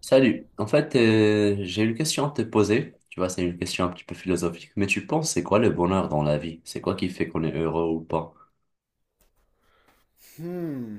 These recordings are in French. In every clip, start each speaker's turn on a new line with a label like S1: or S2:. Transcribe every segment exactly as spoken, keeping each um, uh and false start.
S1: Salut. En fait, euh, j'ai une question à te poser. Tu vois, c'est une question un petit peu philosophique, mais tu penses, c'est quoi le bonheur dans la vie? C'est quoi qui fait qu'on est heureux ou pas?
S2: Hmm.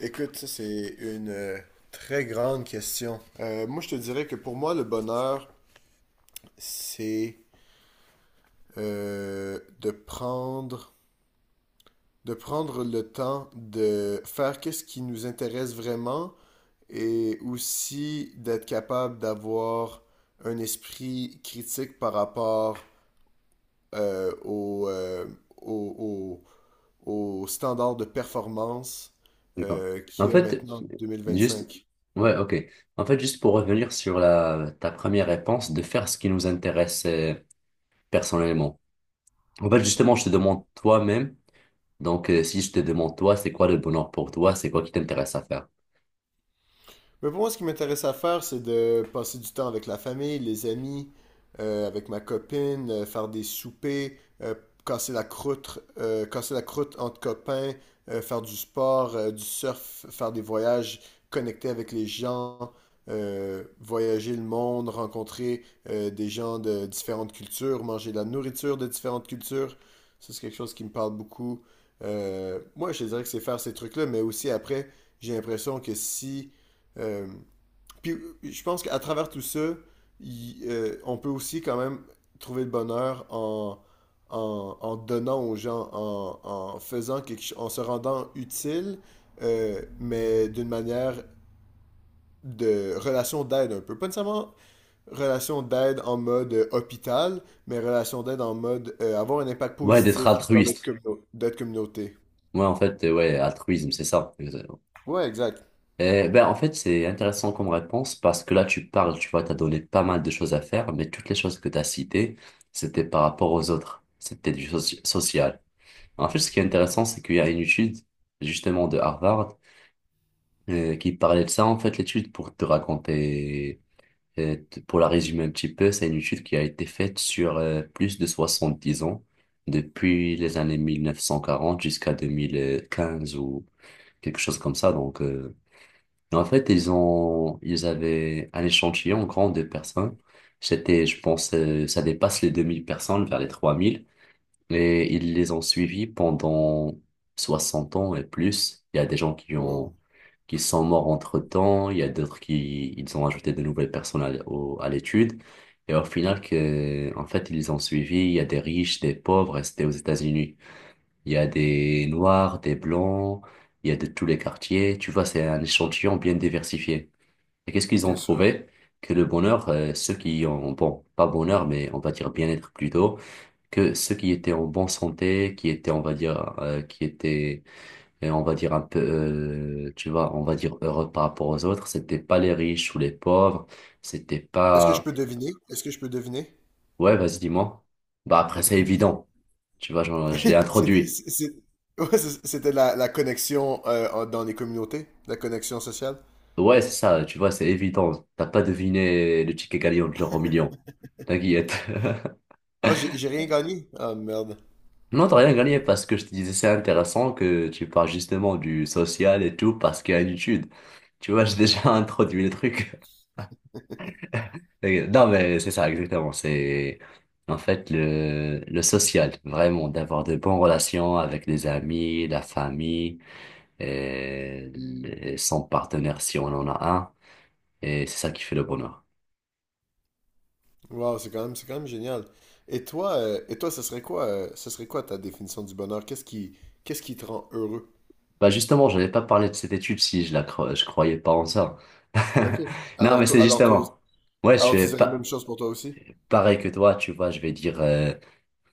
S2: Écoute, ça c'est une euh, très grande question. Euh, moi, je te dirais que pour moi, le bonheur, c'est euh, de prendre, de prendre le temps de faire qu'est-ce qui nous intéresse vraiment et aussi d'être capable d'avoir un esprit critique par rapport euh, au, euh, au, au- au standard de performance
S1: D'accord.
S2: euh,
S1: En
S2: qu'il y a
S1: fait,
S2: maintenant en deux mille
S1: juste,
S2: vingt-cinq.
S1: ouais, ok. En fait, juste pour revenir sur la, ta première réponse, de faire ce qui nous intéresse euh, personnellement. En fait, justement, je te demande toi-même. Donc, euh, si je te demande, toi, c'est quoi le bonheur pour toi? C'est quoi qui t'intéresse à faire?
S2: Mais pour moi, ce qui m'intéresse à faire, c'est de passer du temps avec la famille, les amis, euh, avec ma copine, euh, faire des soupers, euh, casser la croûte, euh, casser la croûte entre copains, euh, faire du sport, euh, du surf, faire des voyages, connecter avec les gens, euh, voyager le monde, rencontrer euh, des gens de différentes cultures, manger de la nourriture de différentes cultures. Ça, c'est quelque chose qui me parle beaucoup. Euh, moi, je te dirais que c'est faire ces trucs-là, mais aussi après, j'ai l'impression que si euh, puis je pense qu'à travers tout ça, il- euh, on peut aussi quand même trouver le bonheur en, en, en donnant aux gens, en, en faisant quelque chose, en se rendant utile, euh, mais d'une manière de relation d'aide un peu. Pas nécessairement relation d'aide en mode euh, hôpital, mais relation d'aide en mode euh, avoir un impact
S1: Ouais, d'être
S2: positif dans notre
S1: altruiste.
S2: communau- notre communauté.
S1: Ouais, en fait, euh, ouais, altruisme, c'est ça. Exactement.
S2: Ouais, exact.
S1: Et ben, en fait, c'est intéressant comme réponse parce que là, tu parles, tu vois, t'as donné pas mal de choses à faire, mais toutes les choses que t'as citées, c'était par rapport aux autres. C'était du soci- social. En fait, ce qui est intéressant, c'est qu'il y a une étude, justement, de Harvard euh, qui parlait de ça. En fait, l'étude, pour te raconter, euh, t- pour la résumer un petit peu, c'est une étude qui a été faite sur euh, plus de soixante-dix ans, depuis les années mille neuf cent quarante jusqu'à deux mille quinze ou quelque chose comme ça. Donc, euh, en fait, ils ont, ils avaient un échantillon grand de personnes. C'était, je pense, euh, ça dépasse les deux mille personnes, vers les trois mille. Et ils les ont suivis pendant soixante ans et plus. Il y a des gens qui
S2: Wow.
S1: ont, qui sont morts entre-temps. Il y a d'autres qui, ils ont ajouté de nouvelles personnes à, au- à l'étude. Et au final, que, en fait, ils les ont suivis. Il y a des riches, des pauvres, et c'était aux États-Unis. Il y a des noirs, des blancs. Il y a de tous les quartiers. Tu vois, c'est un échantillon bien diversifié. Et qu'est-ce qu'ils ont
S2: Bien sûr.
S1: trouvé? Que le bonheur, euh, ceux qui ont, bon, pas bonheur, mais on va dire bien-être plutôt, que ceux qui étaient en bonne santé, qui étaient, on va dire, euh, qui étaient, euh, on va dire un peu, euh, tu vois, on va dire heureux par rapport aux autres, c'était pas les riches ou les pauvres, c'était
S2: Est-ce que je
S1: pas,
S2: peux deviner? Est-ce que je peux deviner?
S1: ouais, vas-y, dis-moi. Bah après, c'est évident, tu vois, genre, je l'ai
S2: C'était
S1: introduit.
S2: c'est- ouais, c'est- c'était la, la connexion euh, en- dans les communautés, la connexion sociale.
S1: Ouais, c'est ça, tu vois, c'est évident. T'as pas deviné le ticket gagnant de l'euro million. T'inquiète.
S2: Ah, j'ai j'ai rien gagné. Ah, merde.
S1: Non, t'as rien gagné parce que je te disais, c'est intéressant que tu parles justement du social et tout parce qu'il y a une étude. Tu vois, j'ai déjà introduit le truc. Et- Non, mais euh, c'est ça, exactement. C'est en fait le, le social, vraiment, d'avoir de bonnes relations avec les amis, la famille et, le- son partenaire si on en a un. Et c'est ça qui fait le bonheur.
S2: Wow, c'est quand même, c'est quand même génial. Et toi, euh, et toi, ce serait quoi, euh, ce serait quoi ta définition du bonheur? Qu'est-ce qui, qu'est-ce qui te rend heureux?
S1: Bah justement, je n'avais pas parlé de cette étude si je la cro- je croyais pas en ça.
S2: Ok.
S1: Non,
S2: Alors
S1: mais
S2: toi,
S1: c'est
S2: alors toi aussi-
S1: justement. Ouais, je
S2: alors tu
S1: suis
S2: dirais la même
S1: pas
S2: chose pour toi aussi?
S1: pareil que toi, tu vois, je vais dire euh,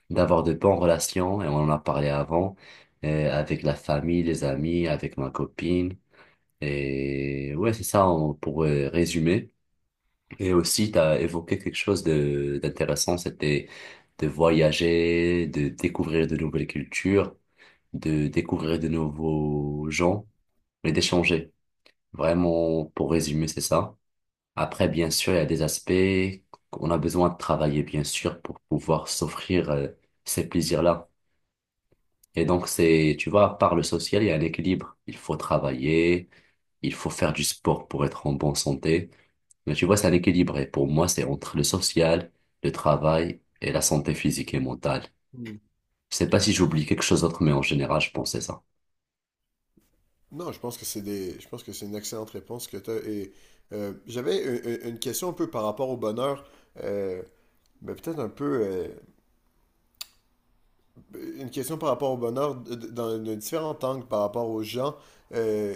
S1: d'avoir de bonnes relations, et on en a parlé avant, euh, avec la famille, les amis, avec ma copine. Et ouais, c'est ça en- pour euh, résumer. Et aussi, tu as évoqué quelque chose de d'intéressant, c'était de voyager, de découvrir de nouvelles cultures, de découvrir de nouveaux gens, mais d'échanger. Vraiment, pour résumer, c'est ça. Après, bien sûr, il y a des aspects qu'on a besoin de travailler, bien sûr, pour pouvoir s'offrir euh, ces plaisirs-là. Et donc, c'est, tu vois, par le social, il y a un équilibre. Il faut travailler, il faut faire du sport pour être en bonne santé. Mais tu vois, c'est un équilibre. Et pour moi, c'est entre le social, le travail et la santé physique et mentale.
S2: Hmm.
S1: Je sais pas si j'oublie quelque chose d'autre, mais en général, je pensais ça.
S2: Non, je pense que c'est des, je pense que c'est une excellente réponse que tu as. Et euh, j'avais une, une- une question un peu par rapport au bonheur, euh, mais peut-être un peu. euh, euh, Une question par rapport au bonheur d- d- dans un différent angle par rapport aux gens. Euh,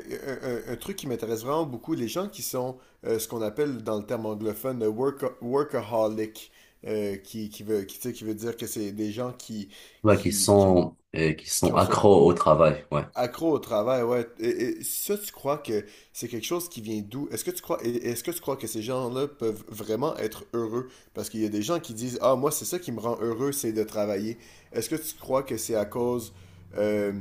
S2: un, un- un truc qui m'intéresse vraiment beaucoup, les gens qui sont euh, ce qu'on appelle dans le terme anglophone euh, worka- workaholic, euh, qui, qui veut, qui, tu sais, qui veut dire que c'est des gens qui,
S1: Ouais, qui
S2: qui, qui ont,
S1: sont, euh, qui
S2: qui
S1: sont
S2: ont ce
S1: accros au travail. Ouais.
S2: accro au travail, ouais. Et, et ça, tu crois que c'est quelque chose qui vient d'où? Est-ce que tu crois, et- est-ce que tu crois que ces gens-là peuvent vraiment être heureux? Parce qu'il y a des gens qui disent, ah, moi, c'est ça qui me rend heureux, c'est de travailler. Est-ce que tu crois que c'est à cause euh,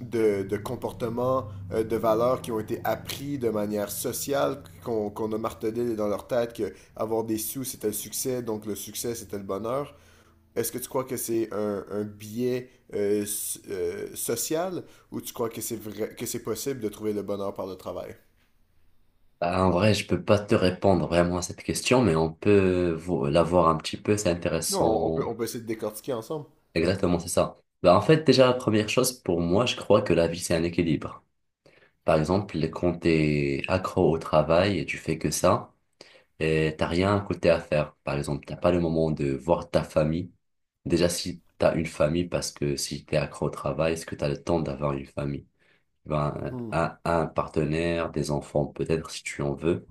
S2: de, de comportements, euh, de valeurs qui ont été appris de manière sociale, qu'on qu'on a martelé dans leur tête que avoir des sous, c'était le succès, donc le succès, c'était le bonheur? Est-ce que tu crois que c'est un, un biais euh, s- euh, social ou tu crois que c'est vrai, que c'est possible de trouver le bonheur par le travail?
S1: Ah, en vrai, je peux pas te répondre vraiment à cette question, mais on peut vo- la voir un petit peu, c'est
S2: Non, on peut,
S1: intéressant.
S2: on peut essayer de décortiquer ensemble.
S1: Exactement, c'est ça. Bah, en fait, déjà, la première chose, pour moi, je crois que la vie, c'est un équilibre. Par exemple, quand t'es accro au travail et tu fais que ça, et t'as rien à côté à faire. Par exemple, t'as pas le moment de voir ta famille. Déjà, si t'as une famille, parce que si t'es accro au travail, est-ce que t'as le temps d'avoir une famille? Ben,
S2: Hmm.
S1: un, un partenaire, des enfants, peut-être, si tu en veux.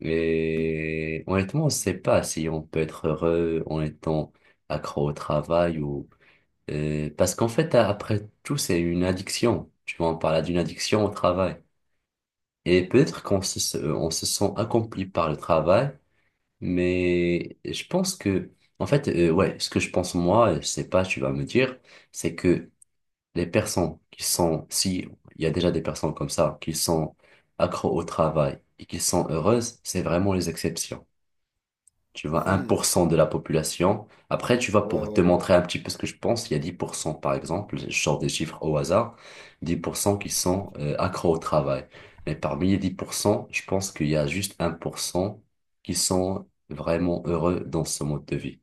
S1: Et honnêtement, on ne sait pas si on peut être heureux en étant accro au travail ou... euh, parce qu'en fait, a- après tout, c'est une addiction. Tu vois, on parle d'une addiction au travail. Et peut-être qu'on se, se- euh, on se sent accompli par le travail, mais je pense que... En fait, euh, ouais, ce que je pense moi, je sais pas, tu vas me dire, c'est que les personnes qui sont... Si, il y a déjà des personnes comme ça, qui sont accro au travail et qui sont heureuses, c'est vraiment les exceptions, tu vois, un
S2: Hmm.
S1: pour cent de la population. Après, tu vois,
S2: Ouais,
S1: pour te
S2: ouais, ouais.
S1: montrer un petit peu ce que je pense, il y a dix pour cent par exemple, je sors des chiffres au hasard, dix pour cent qui sont euh, accros au travail. Mais parmi les dix pour cent, je pense qu'il y a juste un pour cent qui sont vraiment heureux dans ce mode de vie.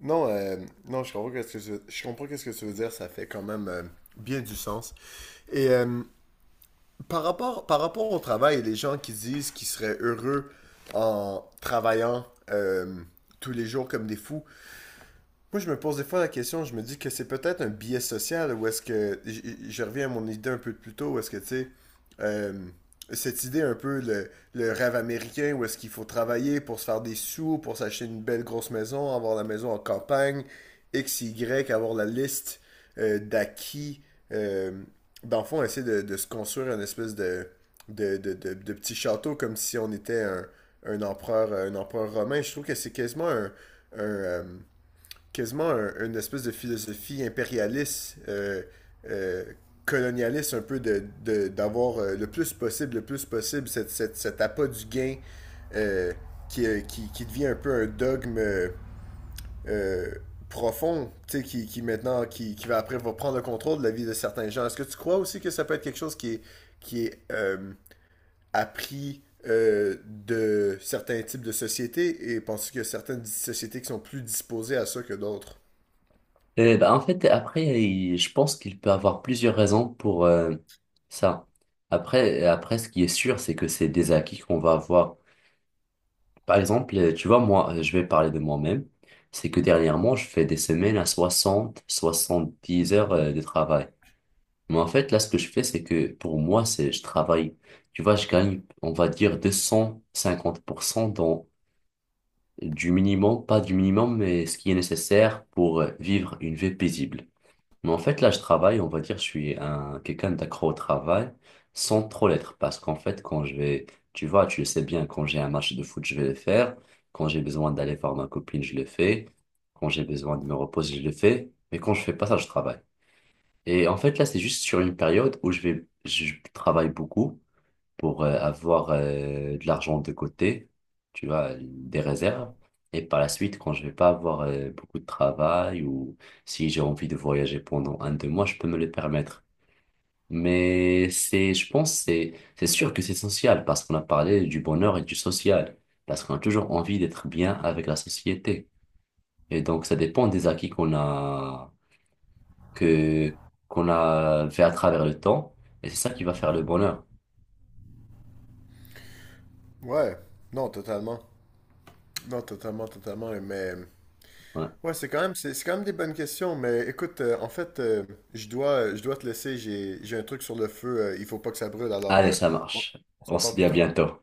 S2: Non, euh, non, je comprends qu'est-ce que tu veux, je comprends qu'est-ce que tu veux dire, ça fait quand même euh, bien du sens. Et euh, par rapport, par rapport au travail, les gens qui disent qu'ils seraient heureux en travaillant euh, tous les jours comme des fous. Moi, je me pose des fois la question, je me dis que c'est peut-être un biais social ou est-ce que. j- je reviens à mon idée un peu plus tôt, où est-ce que, tu sais, euh, cette idée un peu, le, le rêve américain, où est-ce qu'il faut travailler pour se faire des sous, pour s'acheter une belle grosse maison, avoir la maison en campagne, X, Y, avoir la liste euh, d'acquis. euh, Dans le fond, essayer de, de se construire une espèce de, de, de, de- de petit château comme si on était un, un empereur, un empereur romain. Je trouve que c'est quasiment un. un, euh, quasiment un- une espèce de philosophie impérialiste, euh, euh, colonialiste un peu de, de- d'avoir euh, le plus possible, le plus possible cette, cette- cet appât du gain euh, qui, euh, qui, qui devient un peu un dogme euh, euh, profond, tu sais, qui, qui maintenant, qui, qui va après va prendre le contrôle de la vie de certains gens. Est-ce que tu crois aussi que ça peut être quelque chose qui est, qui est euh, appris euh, de certains types de sociétés et penses-tu qu'il y a certaines sociétés qui sont plus disposées à ça que d'autres?
S1: Et ben, en fait, après, il- je pense qu'il peut avoir plusieurs raisons pour euh, ça. Après, après, ce qui est sûr, c'est que c'est des acquis qu'on va avoir. Par exemple, euh, tu vois, moi, euh, je vais parler de moi-même. C'est que dernièrement, je fais des semaines à soixante, soixante-dix heures euh, de travail. Mais en fait, là, ce que je fais, c'est que pour moi, c'est, je travaille. Tu vois, je gagne, on va dire, deux cent cinquante pour cent dans, du minimum, pas du minimum, mais ce qui est nécessaire pour euh, vivre une vie paisible. Mais en fait, là, je travaille, on va dire, je suis un quelqu'un d'accro au travail sans trop l'être. Parce qu'en fait, quand je vais, tu vois, tu le sais bien, quand j'ai un match de foot, je vais le faire. Quand j'ai besoin d'aller voir ma copine, je le fais. Quand j'ai besoin de me reposer, je le fais. Mais quand je fais pas ça, je travaille. Et en fait, là, c'est juste sur une période où je vais, je travaille beaucoup pour euh, avoir euh, de l'argent de côté, tu vois, des réserves. Et par la suite, quand je vais pas avoir euh, beaucoup de travail ou si j'ai envie de voyager pendant un, deux mois, je peux me le permettre. Mais c'est, je pense, c'est, c'est sûr que c'est social parce qu'on a parlé du bonheur et du social, parce qu'on a toujours envie d'être bien avec la société. Et donc, ça dépend des acquis qu'on a, que, qu'on a fait à travers le temps. Et c'est ça qui va faire le bonheur.
S2: Ouais, non, totalement. Non, totalement, totalement. Mais
S1: Ouais.
S2: ouais, c'est quand même, c'est c'est quand même des bonnes questions. Mais écoute, euh, en fait, euh, je dois, je dois te laisser. J'ai, j'ai un truc sur le feu. Euh, il faut pas que ça brûle. Alors,
S1: Allez,
S2: euh,
S1: ça
S2: on
S1: marche.
S2: on se
S1: On se
S2: reparle
S1: dit
S2: plus
S1: à
S2: tard.
S1: bientôt.